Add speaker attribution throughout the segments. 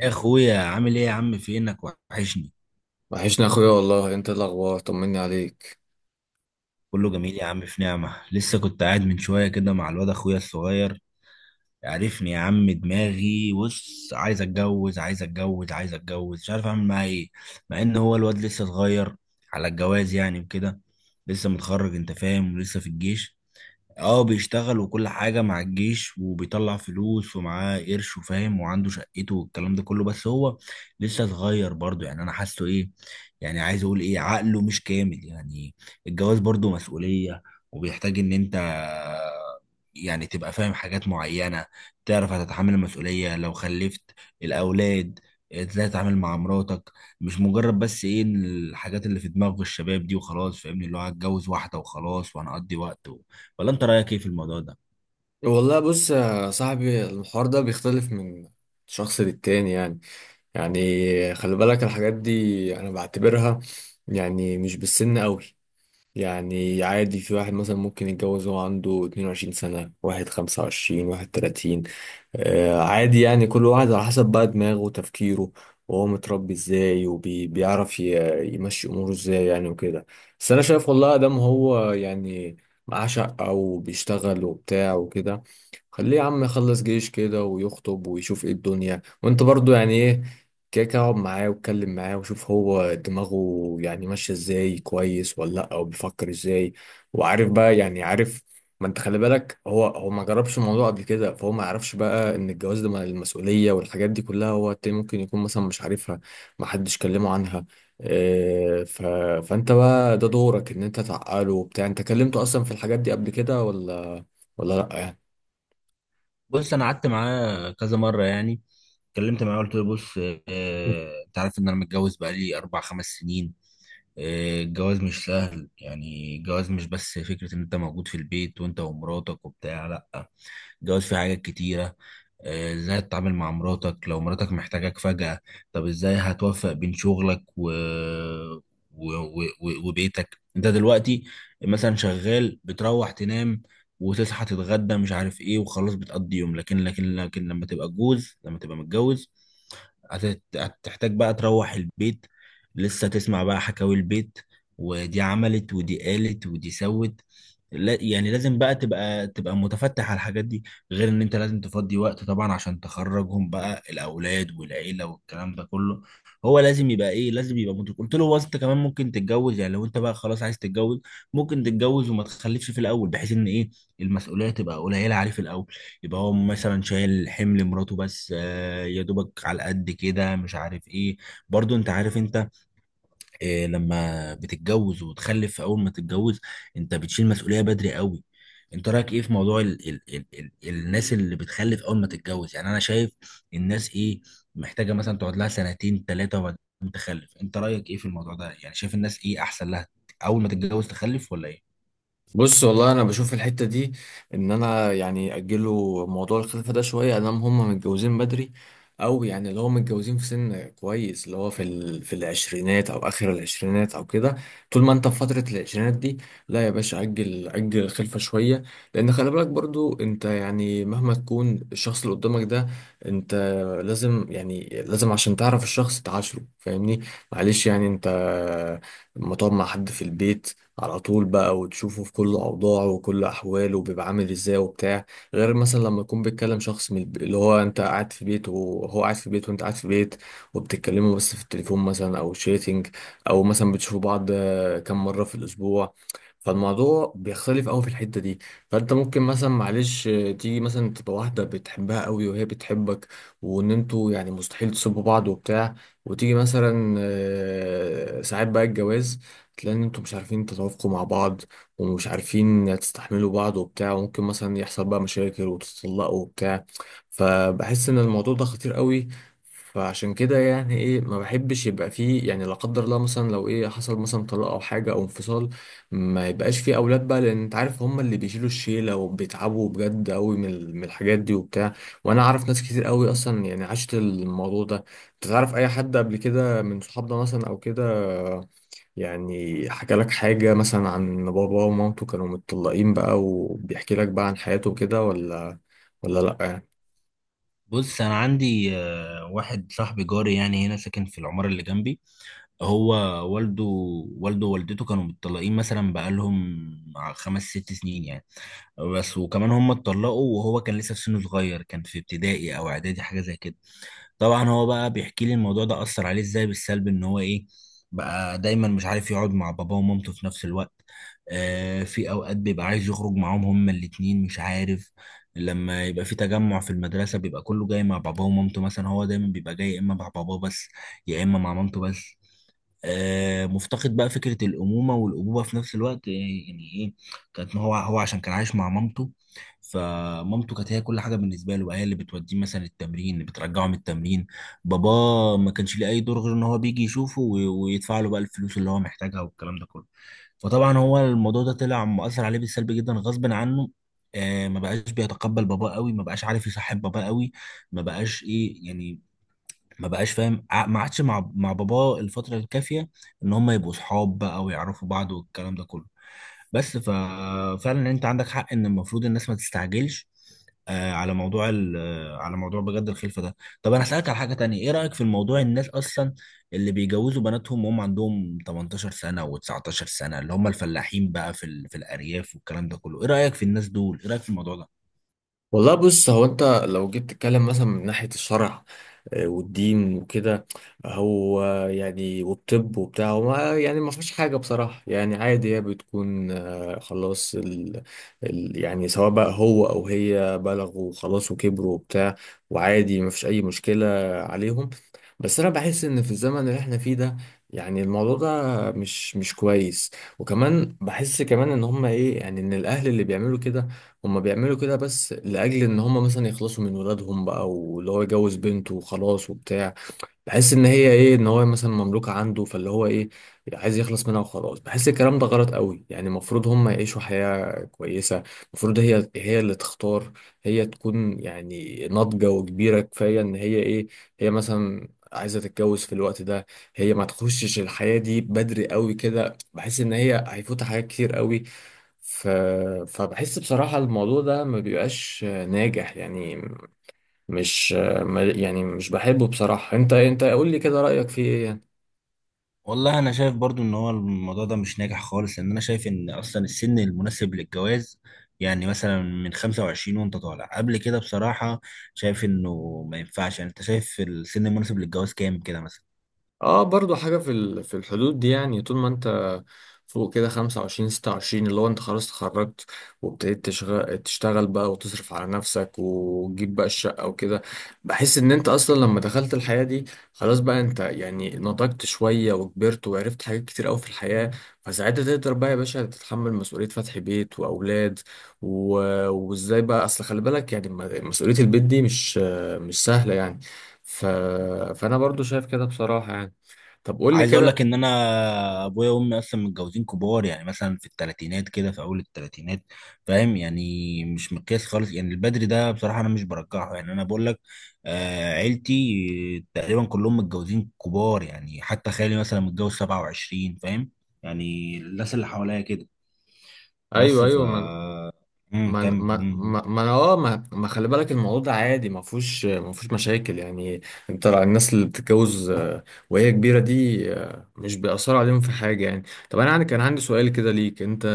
Speaker 1: يا اخويا عامل ايه يا عم؟ فينك، وحشني.
Speaker 2: وحشنا يا اخويا، والله انت إيه الاخبار؟ طمني عليك.
Speaker 1: كله جميل يا عم، في نعمة. لسه كنت قاعد من شوية كده مع الواد اخويا الصغير. عارفني يا عم، دماغي بص عايز اتجوز عايز اتجوز عايز اتجوز، مش عارف اعمل معاه ايه. مع ان هو الواد لسه صغير على الجواز يعني وكده. لسه متخرج انت فاهم، ولسه في الجيش. اه بيشتغل وكل حاجة مع الجيش، وبيطلع فلوس ومعاه قرش وفاهم وعنده شقته والكلام ده كله، بس هو لسه صغير برضه. يعني انا حاسه ايه، يعني عايز اقول ايه، عقله مش كامل يعني. الجواز برضه مسؤولية، وبيحتاج ان انت يعني تبقى فاهم حاجات معينة، تعرف هتتحمل المسؤولية لو خلفت الأولاد، ازاي تتعامل مع مراتك. مش مجرد بس ايه، إن الحاجات اللي في دماغ الشباب دي وخلاص فاهمني، اللي هو هتجوز واحدة وخلاص وهنقضي وقت. ولا انت رايك ايه في الموضوع ده؟
Speaker 2: والله بص يا صاحبي، الحوار ده بيختلف من شخص للتاني يعني خلي بالك الحاجات دي انا بعتبرها يعني مش بالسن قوي. يعني عادي، في واحد مثلا ممكن يتجوز وهو عنده 22 سنة، واحد 25، واحد 30. عادي يعني كل واحد على حسب بقى دماغه وتفكيره، وهو متربي ازاي وبيعرف يمشي اموره ازاي يعني وكده. بس انا شايف والله ادم هو يعني معاه شقة وبيشتغل وبتاع وكده. خليه يا عم يخلص جيش كده ويخطب ويشوف ايه الدنيا، وانت برضو يعني ايه، كده كده اقعد معاه واتكلم معاه وشوف هو دماغه يعني ماشية ازاي كويس ولا لأ، او بيفكر ازاي وعارف بقى يعني عارف. ما انت خلي بالك، هو ما جربش الموضوع قبل كده، فهو ما يعرفش بقى ان الجواز ده مع المسؤوليه والحاجات دي كلها، هو التاني ممكن يكون مثلا مش عارفها، ما حدش كلمه عنها. اه ف... فانت بقى ده دورك ان انت تعقله وبتاع، انت كلمته اصلا في الحاجات دي قبل كده ولا لا يعني؟
Speaker 1: بص انا قعدت معاه كذا مره يعني، اتكلمت معاه قلت له بص اه انت عارف ان انا متجوز بقالي اربع خمس سنين. اه الجواز مش سهل يعني، الجواز مش بس فكره ان انت موجود في البيت وانت ومراتك وبتاع، لا، الجواز فيه حاجات كتيره. آه، ازاي تتعامل مع مراتك لو مراتك محتاجاك فجأة؟ طب ازاي هتوفق بين شغلك وبيتك انت دلوقتي؟ مثلا شغال بتروح تنام وتصحى تتغدى مش عارف ايه وخلاص بتقضي يوم، لكن لما تبقى جوز، لما تبقى متجوز، هتحتاج بقى تروح البيت لسه تسمع بقى حكاوي البيت، ودي عملت ودي قالت ودي سوت. لا يعني لازم بقى تبقى متفتح على الحاجات دي، غير ان انت لازم تفضي وقت طبعا عشان تخرجهم بقى الاولاد والعيله والكلام ده كله. هو لازم يبقى ايه، لازم يبقى مدرك. قلت له هو انت كمان ممكن تتجوز يعني، لو انت بقى خلاص عايز تتجوز ممكن تتجوز وما تخلفش في الاول، بحيث ان ايه المسؤولية تبقى قليلة عليه في الأول. يبقى هو مثلا شايل حمل مراته بس، آه، يا دوبك على قد كده مش عارف إيه. برضو أنت عارف أنت، آه، لما بتتجوز وتخلف أول ما تتجوز أنت بتشيل مسؤولية بدري قوي. أنت رأيك إيه في موضوع ال ال ال ال الناس اللي بتخلف أول ما تتجوز؟ يعني أنا شايف الناس إيه، محتاجة مثلا تقعد لها سنتين ثلاثة وبعدين تخلف. أنت رأيك إيه في الموضوع ده؟ يعني شايف الناس إيه أحسن لها، أول ما تتجوز تخلف ولا إيه؟
Speaker 2: بص والله، انا بشوف الحته دي ان انا يعني اجله موضوع الخلفه ده شويه، ادام هم متجوزين بدري، او يعني اللي هو متجوزين في سن كويس، اللي هو في العشرينات او اخر العشرينات او كده. طول ما انت في فتره العشرينات دي، لا يا باشا، اجل اجل الخلفه شويه، لان خلي بالك برضو انت يعني مهما تكون الشخص اللي قدامك ده، انت لازم يعني لازم، عشان تعرف الشخص تعاشره، فاهمني؟ معلش يعني انت لما تقعد مع حد في البيت على طول بقى، وتشوفه في كل أوضاعه وكل أحواله وبيبقى عامل إزاي وبتاع، غير مثلا لما يكون بيتكلم شخص اللي هو أنت قاعد في بيت وهو قاعد في بيت وأنت قاعد في بيت، وبتتكلموا بس في التليفون مثلا أو شيتنج، أو مثلا بتشوفوا بعض كم مرة في الأسبوع. فالموضوع بيختلف قوي في الحتة دي. فأنت ممكن مثلا معلش تيجي مثلا تبقى واحدة بتحبها قوي وهي بتحبك، وإن أنتوا يعني مستحيل تسيبوا بعض وبتاع، وتيجي مثلا ساعات بقى الجواز، تلاقي ان انتوا مش عارفين تتوافقوا مع بعض، ومش عارفين تستحملوا بعض وبتاع، وممكن مثلا يحصل بقى مشاكل وتتطلقوا وبتاع. فبحس ان الموضوع ده خطير قوي. فعشان كده يعني ايه، ما بحبش يبقى فيه يعني، لا قدر الله، مثلا لو ايه حصل مثلا طلاق او حاجه او انفصال، ما يبقاش فيه اولاد بقى، لان انت عارف هم اللي بيشيلوا الشيله وبيتعبوا بجد قوي من الحاجات دي وبتاع. وانا اعرف ناس كتير قوي اصلا يعني عاشت الموضوع ده. انت تعرف اي حد قبل كده من صحابنا مثلا او كده يعني حكى لك حاجة مثلا عن بابا ومامته كانوا متطلقين بقى، وبيحكي لك بقى عن حياته كده ولا لأ يعني؟
Speaker 1: بص انا عندي آه، واحد صاحبي جاري يعني هنا ساكن في العمارة اللي جنبي. هو والده، والده ووالدته كانوا متطلقين مثلا بقالهم خمس ست سنين يعني، بس وكمان هم اتطلقوا وهو كان لسه في سنه صغير، كان في ابتدائي او اعدادي حاجة زي كده. طبعا هو بقى بيحكي لي الموضوع ده اثر عليه ازاي بالسلب، ان هو ايه بقى دايما مش عارف يقعد مع باباه ومامته في نفس الوقت. آه في اوقات بيبقى عايز يخرج معاهم هما الاتنين مش عارف. لما يبقى في تجمع في المدرسة بيبقى كله جاي مع باباه ومامته، مثلا هو دايما بيبقى جاي يا اما مع باباه بس يا اما مع مامته بس. آه، مفتقد بقى فكرة الأمومة والأبوة في نفس الوقت. آه، يعني إيه، كانت هو هو عشان كان عايش مع مامته، فمامته كانت هي كل حاجه بالنسبه له بقى، هي اللي بتوديه مثلا التمرين اللي بترجعه من التمرين. بابا ما كانش ليه اي دور غير ان هو بيجي يشوفه ويدفع له بقى الفلوس اللي هو محتاجها والكلام ده كله. فطبعا هو الموضوع ده طلع مؤثر عليه بالسلب جدا غصب عنه. آه ما بقاش بيتقبل باباه قوي، ما بقاش عارف يصاحب باباه قوي، ما بقاش ايه يعني، ما بقاش فاهم ما عادش مع باباه الفتره الكافيه ان هم يبقوا صحاب بقى ويعرفوا بعض والكلام ده كله. بس ففعلا انت عندك حق ان المفروض الناس ما تستعجلش، آه، على موضوع آه، على موضوع بجد الخلفه ده. طب انا اسالك على حاجه تانية، ايه رايك في الموضوع الناس اصلا اللي بيجوزوا بناتهم وهم عندهم 18 سنه و19 سنه، اللي هم الفلاحين بقى في في الارياف والكلام ده كله؟ ايه رايك في الناس دول؟ ايه رايك في الموضوع ده؟
Speaker 2: والله بص، هو أنت لو جيت تتكلم مثلا من ناحية الشرع والدين وكده، هو يعني والطب وبتاع، هو يعني ما فيش حاجة بصراحة يعني عادي، هي بتكون خلاص، يعني سواء بقى هو أو هي بلغوا خلاص وكبروا وبتاع، وعادي ما فيش أي مشكلة عليهم. بس أنا بحس إن في الزمن اللي احنا فيه ده، يعني الموضوع ده مش كويس. وكمان بحس كمان إن هما إيه يعني، إن الأهل اللي بيعملوا كده، هما بيعملوا كده بس لأجل إن هما مثلا يخلصوا من ولادهم بقى، واللي هو يجوز بنته وخلاص وبتاع. بحس إن هي إيه، إن هو مثلا مملوكة عنده، فاللي هو إيه عايز يخلص منها وخلاص. بحس الكلام ده غلط قوي، يعني المفروض هما يعيشوا حياة كويسة. المفروض هي اللي تختار، هي تكون يعني ناضجة وكبيرة كفاية إن هي إيه، هي مثلا عايزة تتجوز في الوقت ده. هي ما تخشش الحياة دي بدري قوي كده، بحس إن هي هيفوتها حاجات كتير قوي. ف... فبحس بصراحة الموضوع ده ما بيبقاش ناجح يعني. مش ما- يعني مش بحبه بصراحة. انت قول لي كده رأيك فيه ايه؟
Speaker 1: والله انا شايف برضو ان هو الموضوع ده مش ناجح خالص، لان انا شايف ان اصلا السن المناسب للجواز يعني مثلا من 25 وانت طالع قبل كده بصراحة. شايف انه ما ينفعش يعني. انت شايف السن المناسب للجواز كام كده مثلا؟
Speaker 2: اه، برضو حاجة في الحدود دي يعني، طول ما انت فوق كده 25 26، اللي هو انت خلاص اتخرجت، وابتديت تشتغل بقى، وتصرف على نفسك، وتجيب بقى الشقة وكده. بحس ان انت اصلا لما دخلت الحياة دي، خلاص بقى انت يعني نضجت شوية وكبرت وعرفت حاجات كتير قوي في الحياة، فساعتها تقدر بقى يا باشا تتحمل مسؤولية فتح بيت واولاد. و... وازاي بقى، اصل خلي بالك يعني مسؤولية البيت دي مش سهلة يعني. ف... فانا برضو شايف كده بصراحة يعني. طب قول لي
Speaker 1: عايز اقول لك
Speaker 2: كده.
Speaker 1: ان انا ابويا وامي اصلا متجوزين كبار، يعني مثلا في الثلاثينات كده في اول الثلاثينات، فاهم يعني. مش مقياس خالص يعني البدري ده، بصراحه انا مش برجحه يعني، انا بقول لك. آه عيلتي تقريبا كلهم متجوزين كبار يعني، حتى خالي مثلا متجوز 27 فاهم يعني. الناس اللي حواليا كده، بس
Speaker 2: ايوه
Speaker 1: ف
Speaker 2: ايوه، ما ما ما
Speaker 1: كمل.
Speaker 2: ما ما انا، ما خلي بالك الموضوع ده عادي، ما فيهوش مشاكل يعني. انت الناس اللي بتتجوز وهي كبيره دي، مش بيأثر عليهم في حاجه يعني. طب انا كان عندي سؤال كده ليك انت.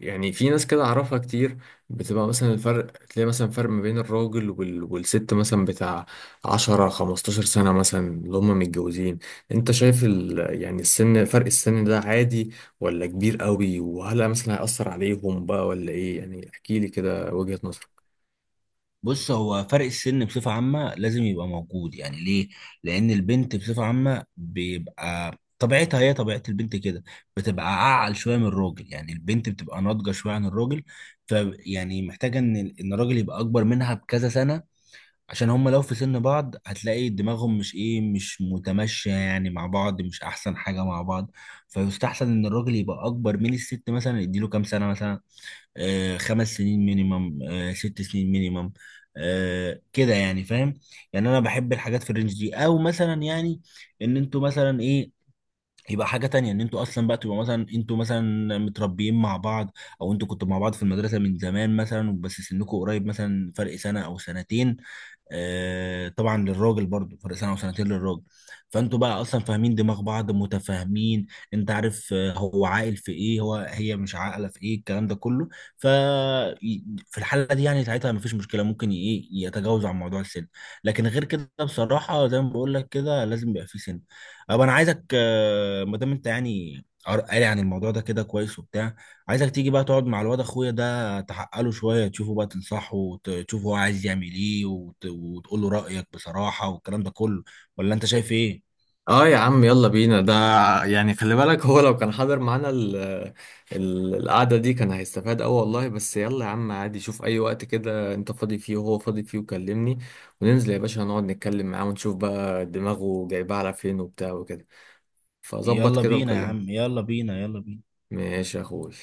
Speaker 2: يعني في ناس كده اعرفها كتير، بتبقى مثلا الفرق، تلاقي مثلا فرق ما بين الراجل والست مثلا بتاع 10 15 سنة مثلا، اللي هم متجوزين. انت شايف يعني فرق السن ده عادي ولا كبير قوي، وهل مثلا هيأثر عليهم بقى ولا ايه يعني؟ احكيلي كده وجهة نظرك.
Speaker 1: بص هو فرق السن بصفة عامة لازم يبقى موجود يعني. ليه؟ لأن البنت بصفة عامة بيبقى طبيعتها، هي طبيعة البنت كده، بتبقى أعقل شوية من الراجل، يعني البنت بتبقى ناضجة شوية عن الراجل. ف يعني محتاجة إن الراجل يبقى أكبر منها بكذا سنة، عشان هما لو في سن بعض هتلاقي دماغهم مش إيه، مش متمشية يعني مع بعض، مش أحسن حاجة مع بعض. فيستحسن إن الراجل يبقى أكبر من الست، مثلا يديله كام سنة مثلا، آه، خمس سنين مينيمم، آه، ست سنين مينيمم، آه، كده يعني فاهم. يعني انا بحب الحاجات في الرينج دي، او مثلا يعني ان انتوا مثلا ايه، يبقى حاجة تانية ان انتوا اصلا بقى تبقى مثلا انتوا مثلا متربيين مع بعض، او انتوا كنتوا مع بعض في المدرسة من زمان مثلا بس سنكوا قريب مثلا فرق سنة او سنتين، آه، طبعا للراجل برضو فرق سنه وسنتين للراجل. فانتوا بقى اصلا فاهمين دماغ بعض متفاهمين، انت عارف آه، هو عاقل في ايه هو هي مش عاقله في ايه، الكلام ده كله. ف في الحاله دي يعني ساعتها مفيش مشكله، ممكن ايه يتجاوز عن موضوع السن. لكن غير كده بصراحه زي ما بقول لك كده لازم يبقى في سن. طب انا عايزك آه، ما دام انت يعني قاري عن الموضوع ده كده كويس وبتاع، عايزك تيجي بقى تقعد مع الواد اخويا ده، تحقق له شويه تشوفه بقى تنصحه وتشوفه هو عايز يعمل ايه وتقول له رايك بصراحه والكلام ده كله. ولا انت شايف ايه؟
Speaker 2: اه، يا عم يلا بينا ده، يعني خلي بالك هو لو كان حاضر معانا ال القعدة دي، كان هيستفاد اوي والله. بس يلا يا عم عادي، شوف اي وقت كده انت فاضي فيه وهو فاضي فيه، وكلمني. وننزل يا باشا نقعد نتكلم معاه ونشوف بقى دماغه جايبها على فين وبتاع وكده. فظبط
Speaker 1: يلا
Speaker 2: كده
Speaker 1: بينا يا
Speaker 2: وكلمني.
Speaker 1: عم، يلا بينا، يلا بينا.
Speaker 2: ماشي يا اخوي.